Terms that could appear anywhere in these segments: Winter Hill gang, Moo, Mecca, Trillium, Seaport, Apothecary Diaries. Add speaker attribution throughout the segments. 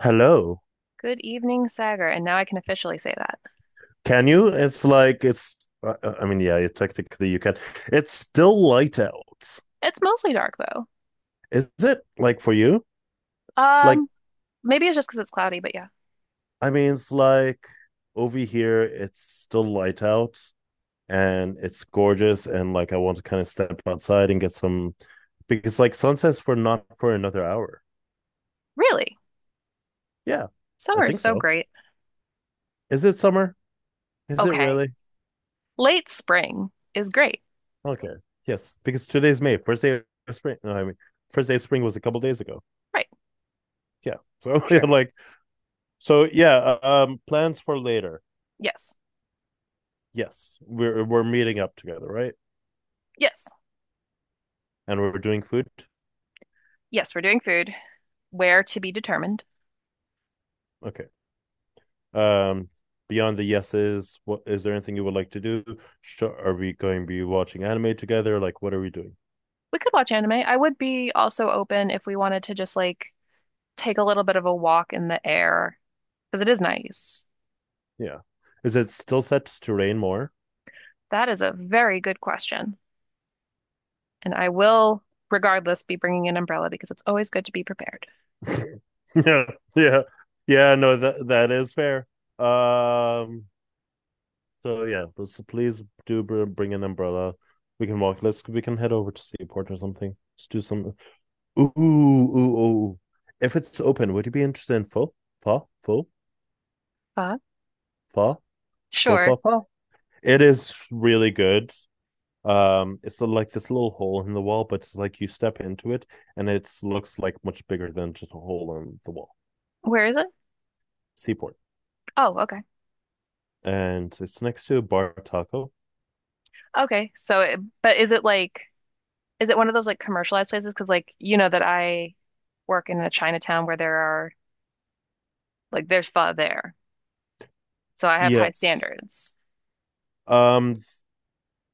Speaker 1: Hello.
Speaker 2: Good evening, Sagar. And now I can officially say that.
Speaker 1: Can you? It's like it's yeah, technically you can. It's still light out.
Speaker 2: It's mostly dark though.
Speaker 1: Is it like for you? like
Speaker 2: Um, Maybe it's just because it's cloudy, but yeah.
Speaker 1: it's like over here it's still light out, and it's gorgeous, and like I want to kind of step outside and get some, because like sunset's for not for another hour.
Speaker 2: Really?
Speaker 1: Yeah. I
Speaker 2: Summer is
Speaker 1: think
Speaker 2: so
Speaker 1: so.
Speaker 2: great.
Speaker 1: Is it summer? Is it
Speaker 2: Okay.
Speaker 1: really?
Speaker 2: Late spring is great.
Speaker 1: Okay. Yes, because today's may first day of spring no, I mean First day of spring was a couple days ago.
Speaker 2: Right.
Speaker 1: Yeah. So
Speaker 2: Sure.
Speaker 1: yeah, like. So yeah, plans for later.
Speaker 2: Yes.
Speaker 1: Yes, we're meeting up together, right?
Speaker 2: Yes.
Speaker 1: And we're doing food.
Speaker 2: Yes, we're doing food. Where to be determined.
Speaker 1: Okay. Um, beyond the yeses, what, is there anything you would like to do? Are we going to be watching anime together? Like, what are we doing?
Speaker 2: We could watch anime. I would be also open if we wanted to just like take a little bit of a walk in the air because it is nice.
Speaker 1: Yeah. Is it still set to rain more?
Speaker 2: That is a very good question. And I will, regardless, be bringing an umbrella because it's always good to be prepared.
Speaker 1: Yeah, yeah, yeah. No, that is fair. Um. So yeah, so please do bring an umbrella. We can walk. Let's We can head over to Seaport or something. Let's do some. Ooh, ooh, ooh. If it's open, would you be interested in pho? Pho? Pho?
Speaker 2: Uh,
Speaker 1: Pho? Pho?
Speaker 2: sure.
Speaker 1: Pho? Pho? It is really good. It's like this little hole in the wall, but it's like you step into it, and it looks like much bigger than just a hole in the wall.
Speaker 2: Where is it?
Speaker 1: Seaport,
Speaker 2: Oh, okay.
Speaker 1: and it's next to a bar taco.
Speaker 2: Okay. So, it, but is it like, is it one of those like commercialized places? Because like, you know that I work in a Chinatown where there are like there's pho there. So I have high
Speaker 1: Yes.
Speaker 2: standards.
Speaker 1: Um,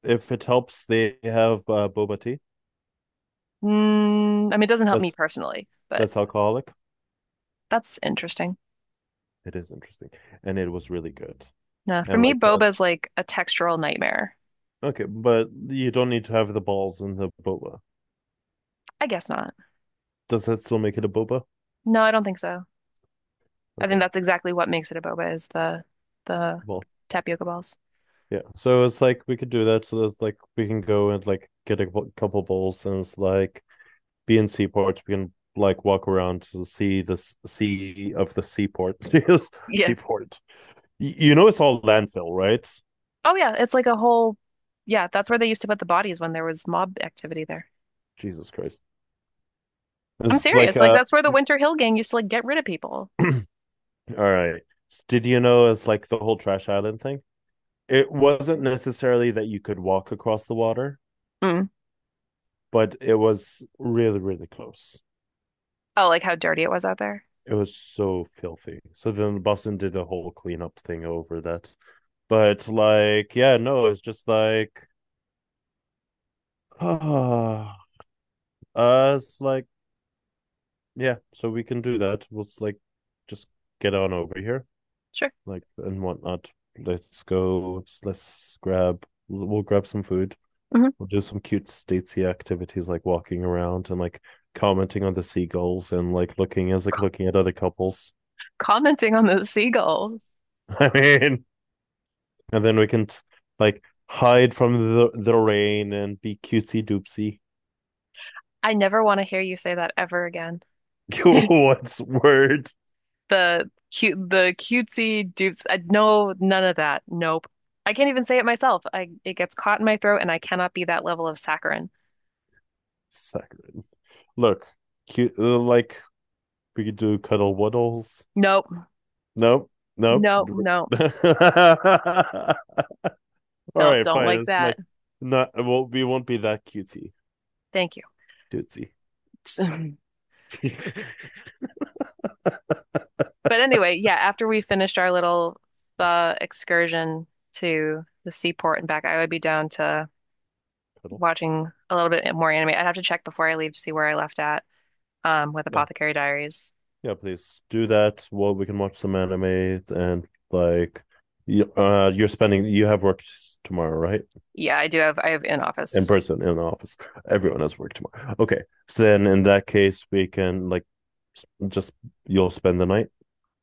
Speaker 1: if it helps, they have boba tea.
Speaker 2: Mm, I mean, it doesn't help me
Speaker 1: That's
Speaker 2: personally, but
Speaker 1: that's alcoholic.
Speaker 2: that's interesting.
Speaker 1: It is interesting, and it was really good.
Speaker 2: No, for
Speaker 1: And
Speaker 2: me,
Speaker 1: like
Speaker 2: boba is like a textural nightmare.
Speaker 1: okay, but you don't need to have the balls in the boba.
Speaker 2: I guess not.
Speaker 1: Does that still make it a boba?
Speaker 2: No, I don't think so. I
Speaker 1: Okay,
Speaker 2: think that's exactly what makes it a boba is the
Speaker 1: well,
Speaker 2: tapioca balls.
Speaker 1: yeah. So it's like we could do that. So that's like we can go and like get a couple bowls, and it's like be in seaports. We can like walk around to see the sea of the seaport. Yes,
Speaker 2: Yeah.
Speaker 1: seaport. You know it's all landfill, right?
Speaker 2: Oh yeah, it's like a whole yeah, that's where they used to put the bodies when there was mob activity there.
Speaker 1: Jesus Christ.
Speaker 2: I'm
Speaker 1: It's
Speaker 2: serious.
Speaker 1: like
Speaker 2: Like that's where the Winter Hill gang used to like get rid of people.
Speaker 1: all right. Did you know it's like the whole trash island thing? It wasn't necessarily that you could walk across the water,
Speaker 2: Mm.
Speaker 1: but it was really, really close.
Speaker 2: Oh, like how dirty it was out there.
Speaker 1: It was so filthy. So then Boston did a whole cleanup thing over that. But like, yeah, no, it's just like, ah, it's like, yeah, so we can do that. We'll like just get on over here,
Speaker 2: Sure.
Speaker 1: like and whatnot. Let's go. Let's grab. We'll grab some food.
Speaker 2: Hmm.
Speaker 1: We'll do some cute statesy activities like walking around and like commenting on the seagulls and like looking at other couples.
Speaker 2: Commenting on the seagulls.
Speaker 1: I mean, and then we can like hide from the rain and be cutesy doopsy.
Speaker 2: I never want to hear you say that ever again.
Speaker 1: What's word?
Speaker 2: The cute the cutesy dupes, I, no, none of that. Nope, I can't even say it myself, I it gets caught in my throat and I cannot be that level of saccharine.
Speaker 1: Saccharine. Look, cute. Like, we could do cuddle waddles.
Speaker 2: Nope,
Speaker 1: Nope, nope.
Speaker 2: nope, nope,
Speaker 1: All
Speaker 2: nope,
Speaker 1: right,
Speaker 2: don't
Speaker 1: fine.
Speaker 2: like
Speaker 1: It's
Speaker 2: that.
Speaker 1: like not. Well, we won't be that cutesy
Speaker 2: Thank you.
Speaker 1: doopsy.
Speaker 2: but anyway, yeah, after we finished our little excursion to the seaport and back I would be down to
Speaker 1: Cuddle.
Speaker 2: watching a little bit more anime. I'd have to check before I leave to see where I left at, um, with
Speaker 1: Yeah,
Speaker 2: Apothecary Diaries.
Speaker 1: yeah. Please do that. Well, we can watch some anime and like, you, you're spending. You have work tomorrow, right?
Speaker 2: Yeah, I do have, I have in
Speaker 1: In
Speaker 2: office.
Speaker 1: person in the office.
Speaker 2: Yeah,
Speaker 1: Everyone has work tomorrow. Okay, so then in that case, we can like just you'll spend the night.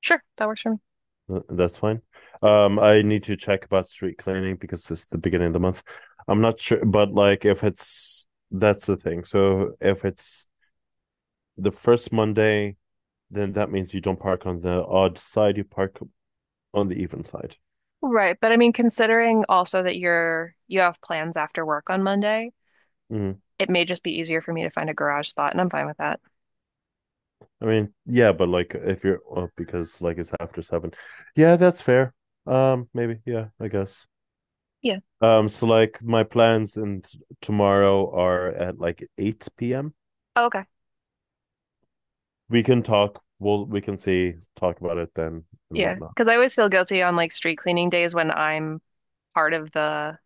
Speaker 2: sure, that works for me.
Speaker 1: That's fine. I need to check about street cleaning because it's the beginning of the month. I'm not sure, but like if it's that's the thing. So if it's the first Monday, then that means you don't park on the odd side. You park on the even side.
Speaker 2: Right, but I mean, considering also that you have plans after work on Monday,
Speaker 1: Mm.
Speaker 2: it may just be easier for me to find a garage spot, and I'm fine with that.
Speaker 1: I mean, yeah, but like if you're oh, because like it's after seven. Yeah, that's fair. Maybe. Yeah, I guess.
Speaker 2: Yeah.
Speaker 1: So like my plans and tomorrow are at like 8 p.m.
Speaker 2: Oh, okay.
Speaker 1: We can talk, we can see, talk about it then and
Speaker 2: Yeah,
Speaker 1: whatnot.
Speaker 2: because I always feel guilty on like street cleaning days when I'm part of the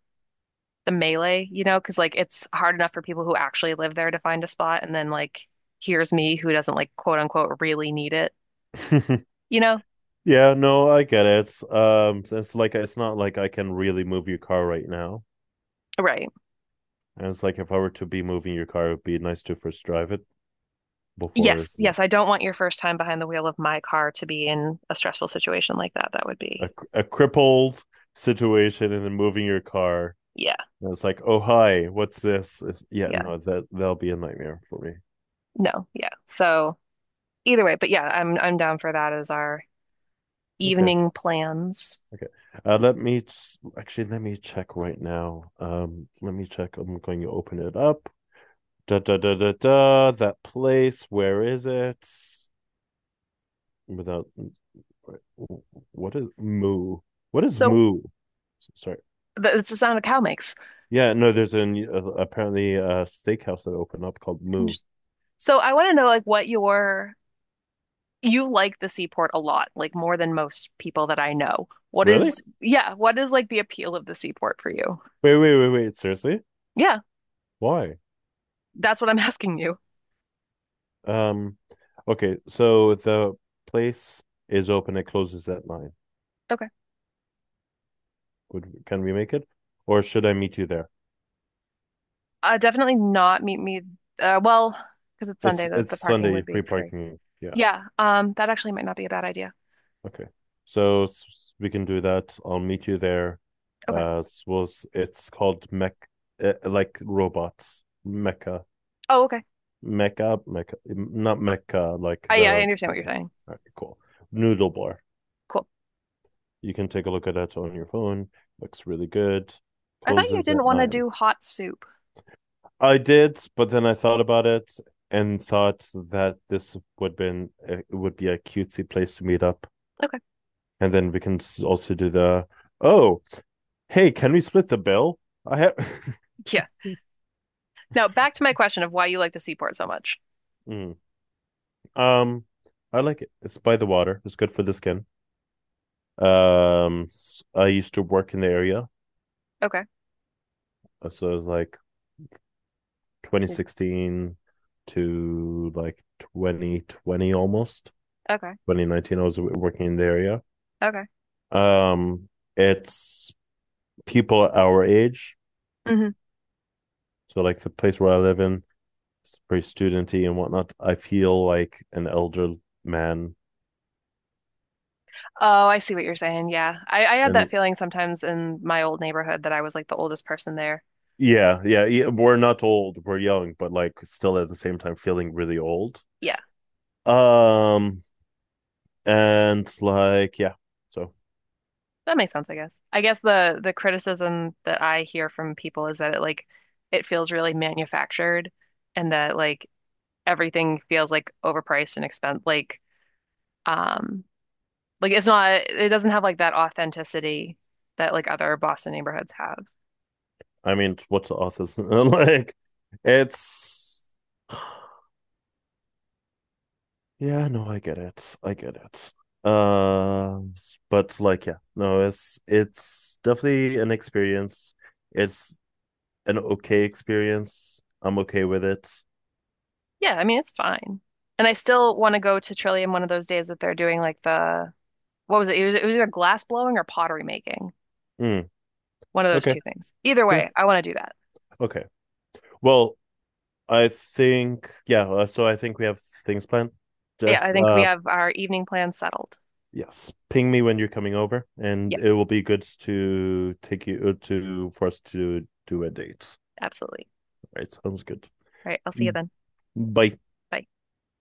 Speaker 2: the melee, you know, because like it's hard enough for people who actually live there to find a spot, and then like here's me who doesn't like quote unquote really need it, you know?
Speaker 1: Yeah, no, I get it. It's like it's not like I can really move your car right now.
Speaker 2: Right.
Speaker 1: And it's like if I were to be moving your car, it'd be nice to first drive it before
Speaker 2: Yes,
Speaker 1: it's like
Speaker 2: yes, I don't want your first time behind the wheel of my car to be in a stressful situation like that. That would be,
Speaker 1: a crippled situation and then moving your car.
Speaker 2: yeah,
Speaker 1: And it's like, oh hi, what's this? It's, yeah,
Speaker 2: yeah,
Speaker 1: no, that'll be a nightmare for me.
Speaker 2: no, yeah. So, either way, but yeah, I'm down for that as our
Speaker 1: Okay.
Speaker 2: evening plans.
Speaker 1: Okay. Actually, let me check right now. Let me check. I'm going to open it up. Da da da da da. That place. Where is it? Without what is moo? What is
Speaker 2: So
Speaker 1: moo? Sorry.
Speaker 2: it's the sound a cow makes.
Speaker 1: Yeah, no. There's an apparently a steakhouse that opened up called
Speaker 2: And
Speaker 1: Moo.
Speaker 2: just, so I want to know like what your, you like the seaport a lot, like more than most people that I know. What
Speaker 1: Really?
Speaker 2: is, yeah, what is like the appeal of the seaport for you?
Speaker 1: Wait, seriously?
Speaker 2: Yeah,
Speaker 1: Why?
Speaker 2: that's what I'm asking you.
Speaker 1: Um. Okay. So the place is open. It closes at nine.
Speaker 2: Okay.
Speaker 1: Would, can we make it, or should I meet you there?
Speaker 2: Definitely not meet me, well, because it's Sunday,
Speaker 1: It's
Speaker 2: the parking
Speaker 1: Sunday
Speaker 2: would be
Speaker 1: free
Speaker 2: free.
Speaker 1: parking. Yeah.
Speaker 2: Yeah, that actually might not be a bad idea.
Speaker 1: Okay. So we can do that. I'll meet you there.
Speaker 2: Okay.
Speaker 1: Was it's called Mech, like robots Mecca,
Speaker 2: Oh, okay.
Speaker 1: Mecca, Mecca, not Mecca, like
Speaker 2: I, yeah, I
Speaker 1: the
Speaker 2: understand what you're saying.
Speaker 1: alright, cool noodle bar.
Speaker 2: Cool.
Speaker 1: You can take a look at it on your phone. Looks really good.
Speaker 2: I thought you
Speaker 1: Closes
Speaker 2: didn't
Speaker 1: at
Speaker 2: want to
Speaker 1: nine.
Speaker 2: do hot soup.
Speaker 1: I did, but then I thought about it and thought that this would been it would be a cutesy place to meet up,
Speaker 2: Okay.
Speaker 1: and then we can also do the oh, hey, can we split the bill? I have
Speaker 2: Yeah. Now back to my question of why you like the seaport so much.
Speaker 1: mm. Um, I like it. It's by the water. It's good for the skin. Um, I used to work in the area.
Speaker 2: Okay.
Speaker 1: So it was like
Speaker 2: Yeah.
Speaker 1: 2016 to like 2020, almost
Speaker 2: Okay.
Speaker 1: 2019, I was working in the area.
Speaker 2: Okay.
Speaker 1: Um, it's people our age.
Speaker 2: Hmm.
Speaker 1: So like the place where I live in, it's pretty studenty and whatnot. I feel like an elder man.
Speaker 2: Oh, I see what you're saying. Yeah. I had that
Speaker 1: And
Speaker 2: feeling sometimes in my old neighborhood that I was like the oldest person there.
Speaker 1: yeah, yeah, yeah. We're not old, we're young, but like still at the same time feeling really old.
Speaker 2: Yeah.
Speaker 1: Um, and like, yeah. So
Speaker 2: That makes sense, I guess. I guess the criticism that I hear from people is that it like it feels really manufactured and that like everything feels like overpriced and expensive, like, um, like it's not, it doesn't have like that authenticity that like other Boston neighborhoods have.
Speaker 1: I mean, what's the author's like? It's yeah, no, I get it, I get it. Uh, but like, yeah, no, it's definitely an experience. It's an okay experience. I'm okay with it.
Speaker 2: Yeah, I mean it's fine. And I still want to go to Trillium one of those days that they're doing like the, what was it? It was either glass blowing or pottery making.
Speaker 1: Mm,
Speaker 2: One of those
Speaker 1: okay,
Speaker 2: two things. Either
Speaker 1: yeah,
Speaker 2: way, I want to do that.
Speaker 1: okay. Well, I think yeah. So I think we have things planned.
Speaker 2: Yeah, I
Speaker 1: Just
Speaker 2: think we have our evening plans settled.
Speaker 1: yes, ping me when you're coming over, and it
Speaker 2: Yes,
Speaker 1: will be good to take you to for us to do a date.
Speaker 2: absolutely.
Speaker 1: All right, sounds good.
Speaker 2: All right, I'll see you then.
Speaker 1: Bye.
Speaker 2: Bye.